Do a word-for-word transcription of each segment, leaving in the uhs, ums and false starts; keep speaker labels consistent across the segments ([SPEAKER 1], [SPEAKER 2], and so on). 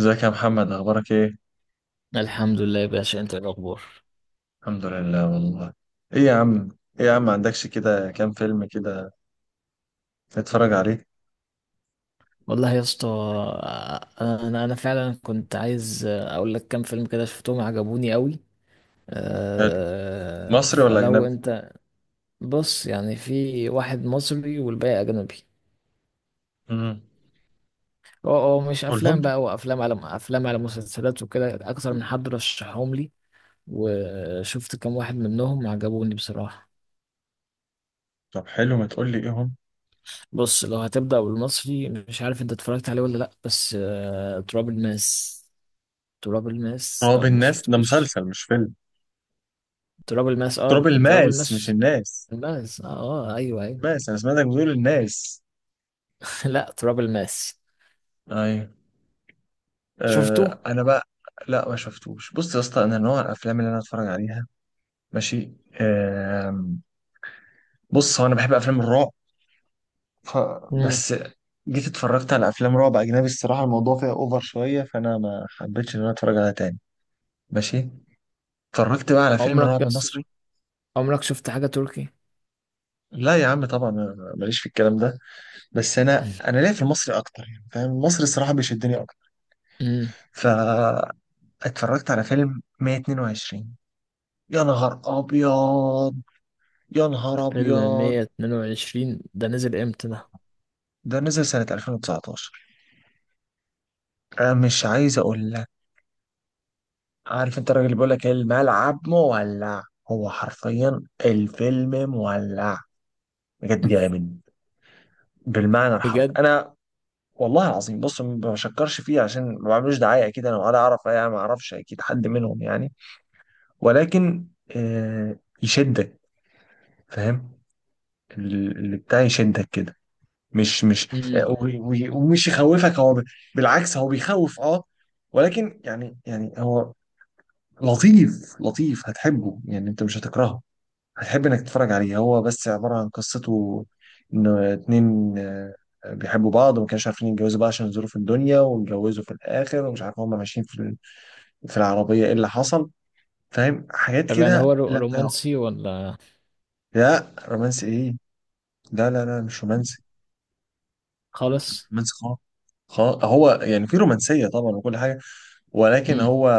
[SPEAKER 1] ازيك يا محمد، اخبارك ايه؟
[SPEAKER 2] الحمد لله يا باشا، انت ايه الاخبار؟
[SPEAKER 1] الحمد لله والله. ايه يا عم ايه يا عم ما عندكش كده كام فيلم كده نتفرج عليه؟
[SPEAKER 2] والله يا اسطى، انا انا فعلا كنت عايز اقول لك كام فيلم كده شفتهم عجبوني قوي.
[SPEAKER 1] حلو.
[SPEAKER 2] أه
[SPEAKER 1] مصري ولا
[SPEAKER 2] فلو
[SPEAKER 1] اجنبي؟
[SPEAKER 2] انت. بص، يعني في واحد مصري والباقي اجنبي.
[SPEAKER 1] امم
[SPEAKER 2] اه، اه، مش
[SPEAKER 1] قولهم
[SPEAKER 2] افلام
[SPEAKER 1] لي.
[SPEAKER 2] بقى، وافلام على افلام على مسلسلات، وكده اكتر من حد رشحهم لي وشفت كام واحد منهم عجبوني بصراحة.
[SPEAKER 1] طب حلو، ما تقول لي ايه هم؟
[SPEAKER 2] بص، لو هتبدأ بالمصري مش عارف انت اتفرجت عليه ولا لا، بس أه تراب الماس. تراب الماس
[SPEAKER 1] تراب
[SPEAKER 2] لو ما
[SPEAKER 1] الناس ده
[SPEAKER 2] شفتوش.
[SPEAKER 1] مسلسل مش فيلم.
[SPEAKER 2] تراب الماس،
[SPEAKER 1] تراب
[SPEAKER 2] اه. تراب
[SPEAKER 1] الماس مش
[SPEAKER 2] الماس.
[SPEAKER 1] الناس.
[SPEAKER 2] الماس، اه. آه، ايوه، ايوه.
[SPEAKER 1] ماس، انا سمعتك بتقول الناس.
[SPEAKER 2] لا، تراب الماس.
[SPEAKER 1] ايوه.
[SPEAKER 2] شفته؟
[SPEAKER 1] آه انا بقى. لا ما شفتوش. بص يا اسطى، انا نوع الافلام اللي انا اتفرج عليها. ماشي. آه. بص، هو انا بحب افلام الرعب. ف...
[SPEAKER 2] مم.
[SPEAKER 1] بس جيت اتفرجت على افلام رعب اجنبي، الصراحه الموضوع فيها اوفر شويه، فانا ما حبيتش ان انا اتفرج عليها تاني. ماشي. اتفرجت بقى على فيلم
[SPEAKER 2] عمرك
[SPEAKER 1] رعب
[SPEAKER 2] بس،
[SPEAKER 1] مصري.
[SPEAKER 2] عمرك شفت حاجة تركي؟
[SPEAKER 1] لا يا عم طبعا، أنا ماليش في الكلام ده. بس انا انا ليا في المصري اكتر يعني، فاهم؟ المصري الصراحه بيشدني اكتر.
[SPEAKER 2] امم
[SPEAKER 1] فاتفرجت على فيلم مية واتنين وعشرين. يا نهار ابيض، يا نهار
[SPEAKER 2] فيلم
[SPEAKER 1] ابيض.
[SPEAKER 2] مية اتنين وعشرين ده نزل امتى ده؟
[SPEAKER 1] ده نزل سنه ألفين وتسعة عشر. انا مش عايز اقول. عارف انت الراجل اللي بيقول لك الملعب مولع؟ هو حرفيا الفيلم مولع، بجد
[SPEAKER 2] مم.
[SPEAKER 1] جامد بالمعنى الحرفي.
[SPEAKER 2] بجد.
[SPEAKER 1] انا والله العظيم، بص، ما بشكرش فيه عشان ما بعملوش دعايه، اكيد انا ولا اعرف يعني، ما اعرفش اكيد حد منهم يعني. ولكن آه، يشدك، فاهم؟ ال- اللي بتاع يشدك كده، مش مش آه،
[SPEAKER 2] امم
[SPEAKER 1] و- و- ومش يخوفك. هو ب- بالعكس هو بيخوف، اه. ولكن يعني، يعني هو لطيف لطيف، هتحبه يعني، انت مش هتكرهه. هتحب انك تتفرج عليه. هو بس عبارة عن قصته، انه اتنين آه، بيحبوا بعض وما كانوش عارفين يتجوزوا بقى عشان ظروف الدنيا، واتجوزوا في الاخر، ومش عارف هما ماشيين في ال- في العربية ايه اللي حصل، فاهم، حاجات
[SPEAKER 2] طب يعني
[SPEAKER 1] كده.
[SPEAKER 2] هو رو-
[SPEAKER 1] لا
[SPEAKER 2] رومانسي ولا؟
[SPEAKER 1] لا، رومانسي ايه؟ لا لا لا، مش رومانسي، مش
[SPEAKER 2] خالص.
[SPEAKER 1] رومانسي خالص. خلاص هو يعني في رومانسية طبعا وكل حاجة، ولكن
[SPEAKER 2] امم
[SPEAKER 1] هو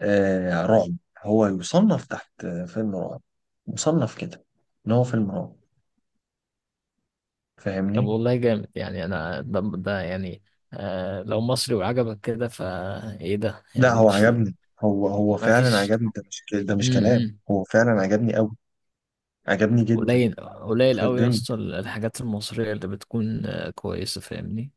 [SPEAKER 1] آه رعب. هو يصنف تحت آه، فيلم رعب، مصنف كده، ان هو فيلم رعب.
[SPEAKER 2] طب
[SPEAKER 1] فاهمني؟
[SPEAKER 2] والله جامد، يعني انا ده, ده يعني. آه لو مصري وعجبك كده، فايه ده،
[SPEAKER 1] لا
[SPEAKER 2] يعني
[SPEAKER 1] هو
[SPEAKER 2] مش.
[SPEAKER 1] عجبني. هو هو
[SPEAKER 2] ما
[SPEAKER 1] فعلا
[SPEAKER 2] فيش.
[SPEAKER 1] عجبني. ده مش ك- ده مش كلام،
[SPEAKER 2] امم
[SPEAKER 1] هو فعلا عجبني قوي، عجبني جدا.
[SPEAKER 2] قليل، قليل قوي يا
[SPEAKER 1] شدني
[SPEAKER 2] اسطى الحاجات المصرية اللي بتكون آه، كويسة، فاهمني؟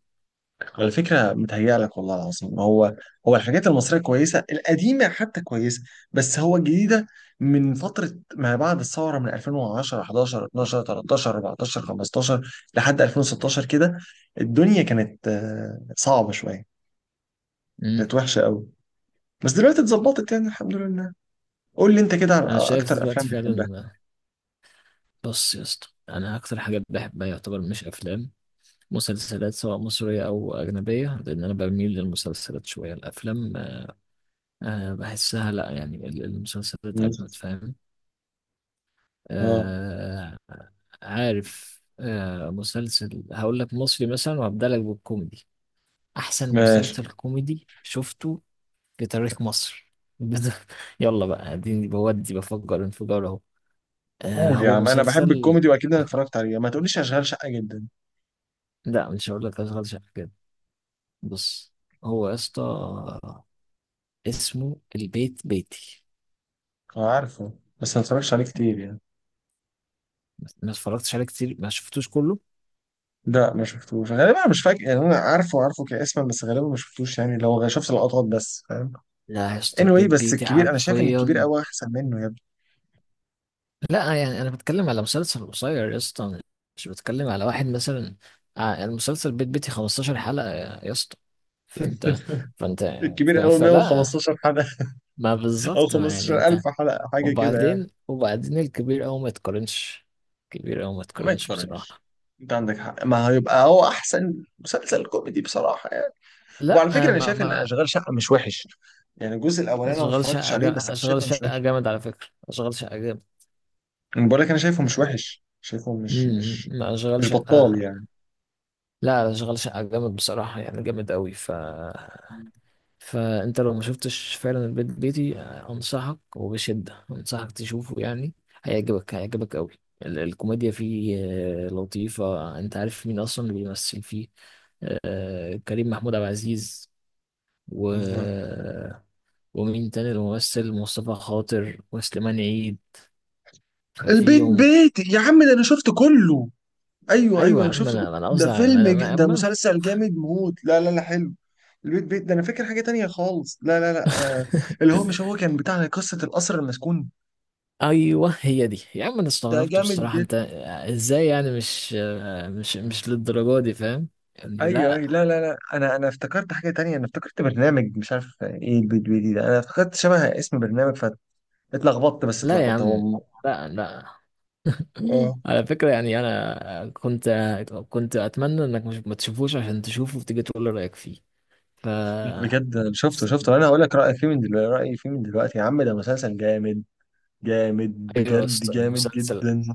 [SPEAKER 1] على فكرة، متهيأ لك والله العظيم. هو هو الحاجات المصرية كويسة، القديمة حتى كويسة، بس هو الجديدة من فترة ما بعد الثورة، من ألفين وعشرة احداشر اتناشر تلتاشر اربعتاشر خمستاشر لحد ألفين وستاشر كده، الدنيا كانت آه، صعبة شوية،
[SPEAKER 2] امم
[SPEAKER 1] كانت وحشة قوي. بس دلوقتي اتظبطت يعني، الحمد لله. قول لي انت كده على
[SPEAKER 2] انا شايف
[SPEAKER 1] اكتر افلام
[SPEAKER 2] دلوقتي فعلا.
[SPEAKER 1] بتحبها.
[SPEAKER 2] بص يا اسطى، انا اكتر حاجات بحبها يعتبر مش افلام، مسلسلات، سواء مصرية أو أجنبية، لأن أنا بميل للمسلسلات شوية. الأفلام آه، آه، بحسها لأ، يعني ال- المسلسلات
[SPEAKER 1] مم.
[SPEAKER 2] أجمد، فاهم؟
[SPEAKER 1] اه
[SPEAKER 2] آه، عارف آه، مسلسل هقول لك مصري مثلا، وهبدأ لك بالكوميدي. أحسن
[SPEAKER 1] ماشي.
[SPEAKER 2] مسلسل كوميدي شفته بتاريخ مصر. بت- يلا بقى، اديني بودي بفكر، انفجار اهو. آه
[SPEAKER 1] قول يا
[SPEAKER 2] هو
[SPEAKER 1] عم، انا بحب
[SPEAKER 2] مسلسل.
[SPEAKER 1] الكوميدي واكيد انا اتفرجت عليه. ما تقوليش اشغال شقه جدا.
[SPEAKER 2] لا، مش هقول لك اشغال شقة كده. بص، هو يا اسطى، اسمه البيت بيتي.
[SPEAKER 1] انا عارفه، بس ما اتفرجتش عليه كتير يعني.
[SPEAKER 2] ما اتفرجتش عليه كتير، ما شفتوش كله.
[SPEAKER 1] لا ما شفتوش غالبا، انا مش فاكر يعني. انا عارفه، عارفه كاسما، بس غالبا ما شفتوش يعني، لو شفت لقطات بس، فاهم.
[SPEAKER 2] لا يا اسطى،
[SPEAKER 1] anyway،
[SPEAKER 2] البيت
[SPEAKER 1] بس
[SPEAKER 2] بيتي
[SPEAKER 1] الكبير انا شايف ان الكبير
[SPEAKER 2] حرفيا.
[SPEAKER 1] قوي احسن منه يا ابني.
[SPEAKER 2] لا، يعني انا بتكلم على مسلسل قصير يا اسطى، مش بتكلم على واحد مثلا. آه، المسلسل بيت بيتي 15 حلقة يا يا اسطى. فانت. فانت
[SPEAKER 1] الكبير
[SPEAKER 2] ف-
[SPEAKER 1] قوي
[SPEAKER 2] فلا
[SPEAKER 1] مية وخمستاشر حلقة حلقه،
[SPEAKER 2] ما
[SPEAKER 1] او
[SPEAKER 2] بالظبط، يعني انت.
[SPEAKER 1] خمستاشر ألف حلقة حلقه حاجه كده يعني.
[SPEAKER 2] وبعدين وبعدين الكبير أوي ما يتقارنش، كبير أوي ما
[SPEAKER 1] ما
[SPEAKER 2] يتقارنش
[SPEAKER 1] يتقارنش.
[SPEAKER 2] بصراحة.
[SPEAKER 1] انت عندك حق، ما هيبقى هو احسن مسلسل كوميدي بصراحه يعني.
[SPEAKER 2] لا،
[SPEAKER 1] وعلى فكره
[SPEAKER 2] آه،
[SPEAKER 1] انا
[SPEAKER 2] ما
[SPEAKER 1] شايف ان
[SPEAKER 2] ما
[SPEAKER 1] اشغال شقه مش وحش يعني. الجزء الاولاني انا ما
[SPEAKER 2] أشغال
[SPEAKER 1] اتفرجتش
[SPEAKER 2] شقة،
[SPEAKER 1] عليه، بس
[SPEAKER 2] جا-
[SPEAKER 1] انا
[SPEAKER 2] أشغال
[SPEAKER 1] شايفه مش
[SPEAKER 2] شقة
[SPEAKER 1] وحش.
[SPEAKER 2] جامد، على فكرة أشغال شقة جامد،
[SPEAKER 1] انا بقول لك انا شايفه مش
[SPEAKER 2] يعني.
[SPEAKER 1] وحش، شايفه مش
[SPEAKER 2] امم
[SPEAKER 1] مش
[SPEAKER 2] ما أشغال
[SPEAKER 1] مش
[SPEAKER 2] شقة،
[SPEAKER 1] بطال يعني.
[SPEAKER 2] لا، أشغال شقة جامد بصراحة، يعني جامد أوي. ف، فأنت لو ما شفتش فعلا البيت بيتي، آه، أنصحك، وبشدة أنصحك تشوفه يعني. هيعجبك هيعجبك أوي. ال- الكوميديا فيه آه، لطيفة. أنت عارف مين أصلا اللي بيمثل فيه؟ آه، كريم محمود عبد العزيز، و...
[SPEAKER 1] مم.
[SPEAKER 2] ومين تاني الممثل، مصطفى خاطر وسليمان عيد.
[SPEAKER 1] البيت
[SPEAKER 2] ففيهم.
[SPEAKER 1] بيت يا عم ده انا شفت كله. ايوه
[SPEAKER 2] ايوه
[SPEAKER 1] ايوه
[SPEAKER 2] يا
[SPEAKER 1] انا
[SPEAKER 2] عم،
[SPEAKER 1] شفت كله.
[SPEAKER 2] انا انا
[SPEAKER 1] ده
[SPEAKER 2] قصدي على-
[SPEAKER 1] فيلم
[SPEAKER 2] انا
[SPEAKER 1] ج...
[SPEAKER 2] انا
[SPEAKER 1] ده
[SPEAKER 2] أما-
[SPEAKER 1] مسلسل جامد موت. لا لا لا، حلو. البيت بيت ده انا فاكر حاجه تانية خالص. لا لا لا، انا، اللي هو مش هو كان بتاع قصه القصر المسكون.
[SPEAKER 2] ايوه هي دي يا عم، انا
[SPEAKER 1] ده
[SPEAKER 2] استغربت
[SPEAKER 1] جامد.
[SPEAKER 2] بصراحه. انت ازاي؟ يعني مش مش مش للدرجه دي، فاهم؟ يعني
[SPEAKER 1] ايوه
[SPEAKER 2] لا.
[SPEAKER 1] ايوه، لا لا لا، انا انا افتكرت حاجه تانية. انا افتكرت برنامج مش عارف ايه، البي دي بي ده، انا افتكرت شبه اسم برنامج، فاتلخبطت، بس
[SPEAKER 2] لا يا
[SPEAKER 1] اتلخبطت. هو
[SPEAKER 2] عم،
[SPEAKER 1] م-
[SPEAKER 2] لا، لا.
[SPEAKER 1] اه
[SPEAKER 2] على فكره، يعني انا كنت كنت اتمنى انك مش ما تشوفوش، عشان تشوفه وتيجي تقول لي رايك فيه. ف،
[SPEAKER 1] بجد أنا شفته، شفته. انا هقول لك رايي فيه من دلوقتي، رايي فيه من دلوقتي يا عم. ده مسلسل جامد جامد،
[SPEAKER 2] ايوه يا
[SPEAKER 1] بجد
[SPEAKER 2] اسطى،
[SPEAKER 1] جامد
[SPEAKER 2] مسلسل.
[SPEAKER 1] جدا.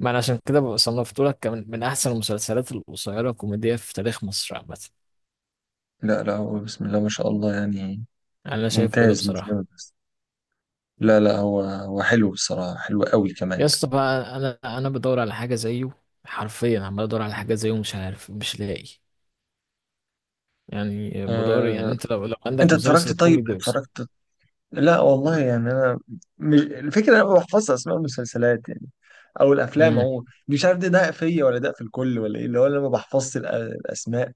[SPEAKER 2] ما انا عشان كده صنفته لك، كمان من احسن المسلسلات القصيره الكوميديه في تاريخ مصر عامه.
[SPEAKER 1] لا لا، هو بسم الله ما شاء الله يعني،
[SPEAKER 2] انا شايفه كده
[SPEAKER 1] ممتاز مش
[SPEAKER 2] بصراحه.
[SPEAKER 1] جامد بس. لا لا، هو هو حلو بصراحه، حلو قوي كمان.
[SPEAKER 2] يا اسطى بقى، انا انا بدور على حاجه زيه، حرفيا عمال ادور على حاجه زيه، مش عارف، مش لاقي. يعني بدور، يعني
[SPEAKER 1] أه...
[SPEAKER 2] انت لو لو
[SPEAKER 1] انت
[SPEAKER 2] عندك مسلسل
[SPEAKER 1] اتفرجت؟ طيب
[SPEAKER 2] كوميدي، بس.
[SPEAKER 1] اتفرجت. لا والله يعني، انا مش الفكره، انا ما بحفظش اسماء المسلسلات يعني او الافلام
[SPEAKER 2] امم
[SPEAKER 1] عموما. مش عارف، ده ده فيا ولا ده في الكل، ولا ايه اللي هو، انا ما بحفظش الأ- الاسماء.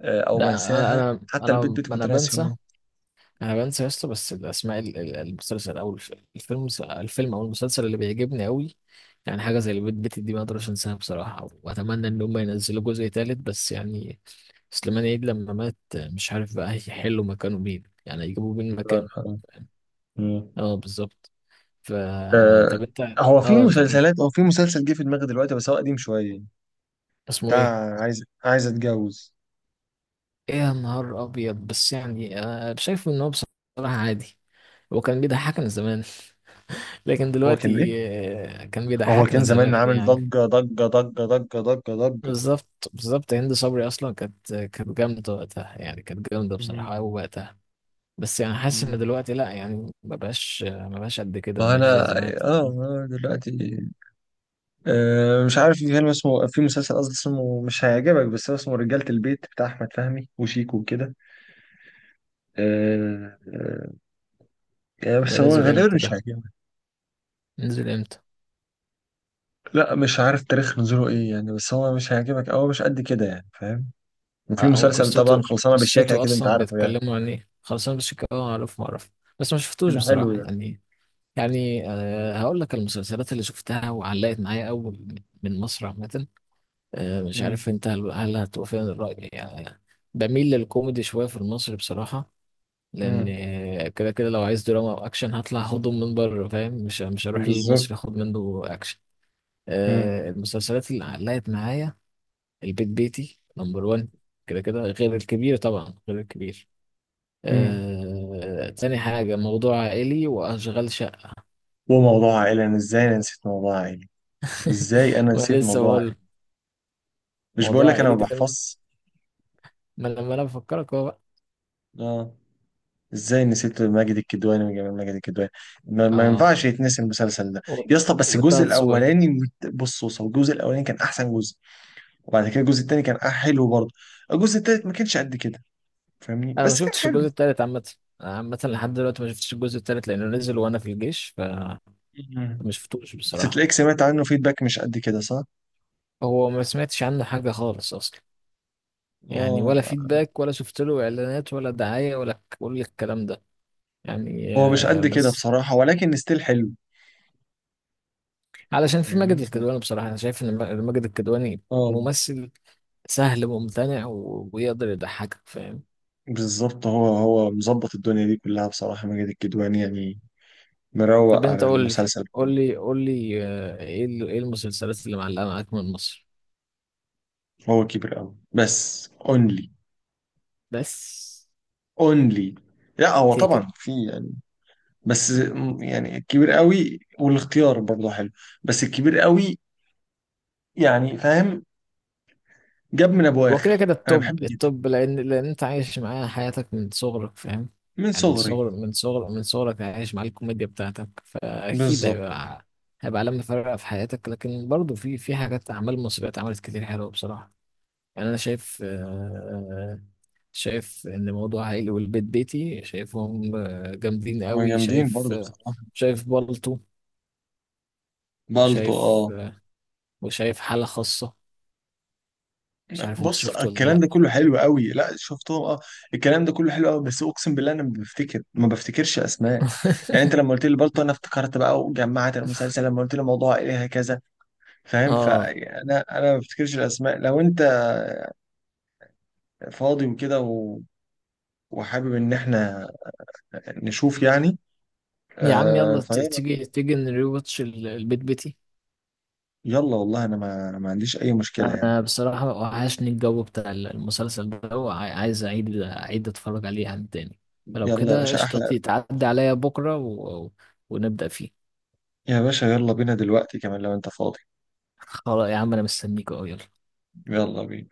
[SPEAKER 1] آه، او
[SPEAKER 2] لا، انا
[SPEAKER 1] بنساها
[SPEAKER 2] انا
[SPEAKER 1] حتى. البيت
[SPEAKER 2] انا
[SPEAKER 1] بيت كنت
[SPEAKER 2] انا
[SPEAKER 1] ناسي
[SPEAKER 2] بنسى.
[SPEAKER 1] هو.
[SPEAKER 2] انا بنسى يا اسطى، بس الاسماء. ال- ال- المسلسل او الف- الفيلم الفيلم او المسلسل اللي بيعجبني قوي، يعني حاجه زي البيت بيتي دي، ما اقدرش انساها بصراحه. واتمنى ان هم ينزلوا جزء تالت، بس يعني سليمان عيد لما مات، مش عارف بقى هيحلوا مكانه مين، يعني هيجيبوا مين
[SPEAKER 1] الله
[SPEAKER 2] مكانه.
[SPEAKER 1] يرحمه. مم.
[SPEAKER 2] اه، بالظبط. ف،
[SPEAKER 1] آه.
[SPEAKER 2] طب انت.
[SPEAKER 1] هو في
[SPEAKER 2] اه انت كنت،
[SPEAKER 1] مسلسلات هو في مسلسل جه في دماغي دلوقتي بس هو قديم شويه،
[SPEAKER 2] اسمه ايه؟
[SPEAKER 1] بتاع عايز عايز اتجوز.
[SPEAKER 2] ايه، يا نهار ابيض. بس يعني آه شايفه ان هو بصراحة عادي. هو كان بيضحكنا زمان. لكن
[SPEAKER 1] هو كان ايه؟
[SPEAKER 2] دلوقتي آه، كان
[SPEAKER 1] هو
[SPEAKER 2] بيضحكنا
[SPEAKER 1] كان زمان
[SPEAKER 2] زمان
[SPEAKER 1] عامل
[SPEAKER 2] يعني.
[SPEAKER 1] ضجه ضجه ضجه ضجه ضجه ضجه.
[SPEAKER 2] بالظبط، بالظبط، هند صبري اصلا كانت كانت جامده وقتها، يعني كانت جامده
[SPEAKER 1] مم.
[SPEAKER 2] بصراحه قوي وقتها. بس يعني حاسس ان
[SPEAKER 1] مم.
[SPEAKER 2] دلوقتي لا، يعني ما بقاش ما بقاش قد كده، ما
[SPEAKER 1] ما
[SPEAKER 2] بقاش
[SPEAKER 1] انا
[SPEAKER 2] زي زمان.
[SPEAKER 1] اه. آه، دلوقتي أه مش عارف، في فيلم اسمه في مسلسل قصدي اسمه، مش هيعجبك بس هو اسمه رجالة البيت، بتاع أحمد فهمي وشيكو وكده. أه أه يعني،
[SPEAKER 2] ده
[SPEAKER 1] بس هو
[SPEAKER 2] نزل
[SPEAKER 1] غالبا
[SPEAKER 2] امتى؟
[SPEAKER 1] مش
[SPEAKER 2] ده
[SPEAKER 1] هيعجبك.
[SPEAKER 2] نزل امتى؟
[SPEAKER 1] لا مش عارف تاريخ نزوله ايه يعني، بس هو مش هيعجبك أو مش قد كده يعني، فاهم.
[SPEAKER 2] آه،
[SPEAKER 1] وفي
[SPEAKER 2] او
[SPEAKER 1] مسلسل طبعا
[SPEAKER 2] قصته،
[SPEAKER 1] خلصانة بالشياكة
[SPEAKER 2] قصته
[SPEAKER 1] كده، أنت
[SPEAKER 2] اصلا
[SPEAKER 1] عارفه يعني.
[SPEAKER 2] بيتكلموا عن ايه؟ خلصان، بس كده اه اعرف، ما اعرف. بس ما شفتوش
[SPEAKER 1] ده حلو
[SPEAKER 2] بصراحه،
[SPEAKER 1] ده.
[SPEAKER 2] يعني. يعني أه هقول لك المسلسلات اللي شفتها وعلقت معايا اول من مصر عامه. أه مش
[SPEAKER 1] مم.
[SPEAKER 2] عارف انت، هل هل هتوافقني الراي يعني. بميل للكوميدي شويه في المصري بصراحه، لان
[SPEAKER 1] مم.
[SPEAKER 2] آه، كده كده لو عايز دراما او اكشن، هطلع هضم من بره فاهم، مش مش هروح
[SPEAKER 1] بالظبط.
[SPEAKER 2] للمصري اخد منه اكشن.
[SPEAKER 1] مم.
[SPEAKER 2] أه المسلسلات اللي علقت معايا، البيت بيتي نمبر واحد، كده كده، غير الكبير طبعا، غير الكبير.
[SPEAKER 1] مم.
[SPEAKER 2] آه... تاني حاجة، موضوع عائلي، وأشغال شقة.
[SPEAKER 1] وموضوع عائلي. أنا إزاي أنا نسيت موضوع عائلي؟ إزاي أنا
[SPEAKER 2] ما
[SPEAKER 1] نسيت
[SPEAKER 2] لسه
[SPEAKER 1] موضوع
[SPEAKER 2] بقول.
[SPEAKER 1] عائلي؟ مش بقول
[SPEAKER 2] موضوع
[SPEAKER 1] لك أنا
[SPEAKER 2] عائلي
[SPEAKER 1] ما
[SPEAKER 2] ده،
[SPEAKER 1] بحفظش.
[SPEAKER 2] ما لما أنا بفكرك هو بقى.
[SPEAKER 1] اه، ازاي نسيت ماجد الكدواني وجمال ماجد الكدواني؟ ما, ما
[SPEAKER 2] آه
[SPEAKER 1] ينفعش يتنسي المسلسل ده.
[SPEAKER 2] و-
[SPEAKER 1] يا اسطى بس
[SPEAKER 2] وطه
[SPEAKER 1] الجزء
[SPEAKER 2] دسوقي.
[SPEAKER 1] الاولاني. بص بص، هو الجزء الاولاني كان احسن جزء، وبعد كده الجزء التاني كان أح- حلو برضه، الجزء التالت ما كانش قد كده فاهمني،
[SPEAKER 2] أنا ما
[SPEAKER 1] بس كان
[SPEAKER 2] شفتش
[SPEAKER 1] حلو.
[SPEAKER 2] الجزء التالت عامة. أنا عامة لحد دلوقتي ما شفتش الجزء التالت، لأنه نزل وأنا في الجيش، فما
[SPEAKER 1] مم.
[SPEAKER 2] شفتوش
[SPEAKER 1] بس
[SPEAKER 2] بصراحة.
[SPEAKER 1] تلاقيك سمعت عنه فيدباك مش قد كده، صح؟
[SPEAKER 2] هو ما سمعتش عنه حاجة خالص أصلا، يعني ولا
[SPEAKER 1] اه،
[SPEAKER 2] فيدباك، ولا شفت له إعلانات، ولا دعاية، ولا كل الكلام ده يعني.
[SPEAKER 1] هو مش
[SPEAKER 2] آه،
[SPEAKER 1] قد كده
[SPEAKER 2] بس
[SPEAKER 1] بصراحة، ولكن ستيل حلو.
[SPEAKER 2] علشان في ماجد
[SPEAKER 1] فاهمني؟
[SPEAKER 2] الكدواني بصراحة. أنا شايف إن ما- ماجد الكدواني
[SPEAKER 1] اه
[SPEAKER 2] ممثل سهل وممتنع، و- ويقدر يضحكك، فاهم؟
[SPEAKER 1] بالظبط. هو هو مظبط الدنيا دي كلها بصراحة، ماجد الكدواني يعني،
[SPEAKER 2] طب
[SPEAKER 1] مروق
[SPEAKER 2] أنت
[SPEAKER 1] على
[SPEAKER 2] قول لي،
[SPEAKER 1] المسلسل.
[SPEAKER 2] قول لي، قول لي، آه، إيه ال- إيه المسلسلات اللي معلقة معاك من مصر،
[SPEAKER 1] هو كبر قوي بس اونلي،
[SPEAKER 2] بس.
[SPEAKER 1] اونلي. لا هو
[SPEAKER 2] كده كده،
[SPEAKER 1] طبعا في يعني، بس م- يعني الكبير قوي والاختيار برضه حلو، بس الكبير قوي يعني، فاهم. جاب من ابو
[SPEAKER 2] هو كده
[SPEAKER 1] اخر،
[SPEAKER 2] كده
[SPEAKER 1] انا
[SPEAKER 2] التوب،
[SPEAKER 1] بحبه جدا.
[SPEAKER 2] التوب، لأن لأن أنت عايش معاه حياتك من صغرك، فاهم؟
[SPEAKER 1] من
[SPEAKER 2] يعني من
[SPEAKER 1] صغري.
[SPEAKER 2] صغر، من صغر من صغرك عايش مع الكوميديا بتاعتك، فأكيد
[SPEAKER 1] بالظبط.
[SPEAKER 2] هيبقى، هيبقى علامة فارقة في حياتك. لكن برضه في في حاجات أعمال مصرية اتعملت كتير حلوة بصراحة، يعني. انا شايف آه، شايف ان موضوع عائلي والبيت بيتي شايفهم آه، جامدين
[SPEAKER 1] هما
[SPEAKER 2] قوي.
[SPEAKER 1] جامدين
[SPEAKER 2] شايف
[SPEAKER 1] برضه
[SPEAKER 2] آه،
[SPEAKER 1] بصراحه.
[SPEAKER 2] شايف بالطو،
[SPEAKER 1] بالطو،
[SPEAKER 2] وشايف
[SPEAKER 1] اه.
[SPEAKER 2] آه، وشايف حالة خاصة، مش عارف انت
[SPEAKER 1] بص
[SPEAKER 2] شفته ولا
[SPEAKER 1] الكلام ده
[SPEAKER 2] لا.
[SPEAKER 1] كله حلو قوي، لا شفتهم اه. الكلام ده كله حلو قوي، بس اقسم بالله انا ما بفتكر ما بفتكرش اسماء. يعني انت لما قلت لي بالطو انا افتكرت بقى وجمعت المسلسل، لما قلت لي موضوع ايه هكذا، فاهم،
[SPEAKER 2] اه.
[SPEAKER 1] فانا انا ما بفتكرش الاسماء. لو انت فاضي وكده و... وحابب ان احنا نشوف يعني،
[SPEAKER 2] يا عم
[SPEAKER 1] آه
[SPEAKER 2] يلا، ت-
[SPEAKER 1] فيلا.
[SPEAKER 2] تيجي، تيجي نريواتش ال- البيت بيتي.
[SPEAKER 1] يلا والله، انا ما ما عنديش اي مشكلة يعني.
[SPEAKER 2] انا بصراحة وحشني الجو بتاع المسلسل ده، وعاي- عايز اعيد، اعيد اتفرج عليه عن تاني. فلو
[SPEAKER 1] يلا يا
[SPEAKER 2] كده
[SPEAKER 1] باشا
[SPEAKER 2] قشطة،
[SPEAKER 1] احلى.
[SPEAKER 2] تعدي عليا بكرة و... ونبدأ فيه.
[SPEAKER 1] يا باشا يلا بينا دلوقتي كمان لو انت فاضي.
[SPEAKER 2] خلاص يا عم، انا مستنيك اهو، يلا.
[SPEAKER 1] يلا بينا.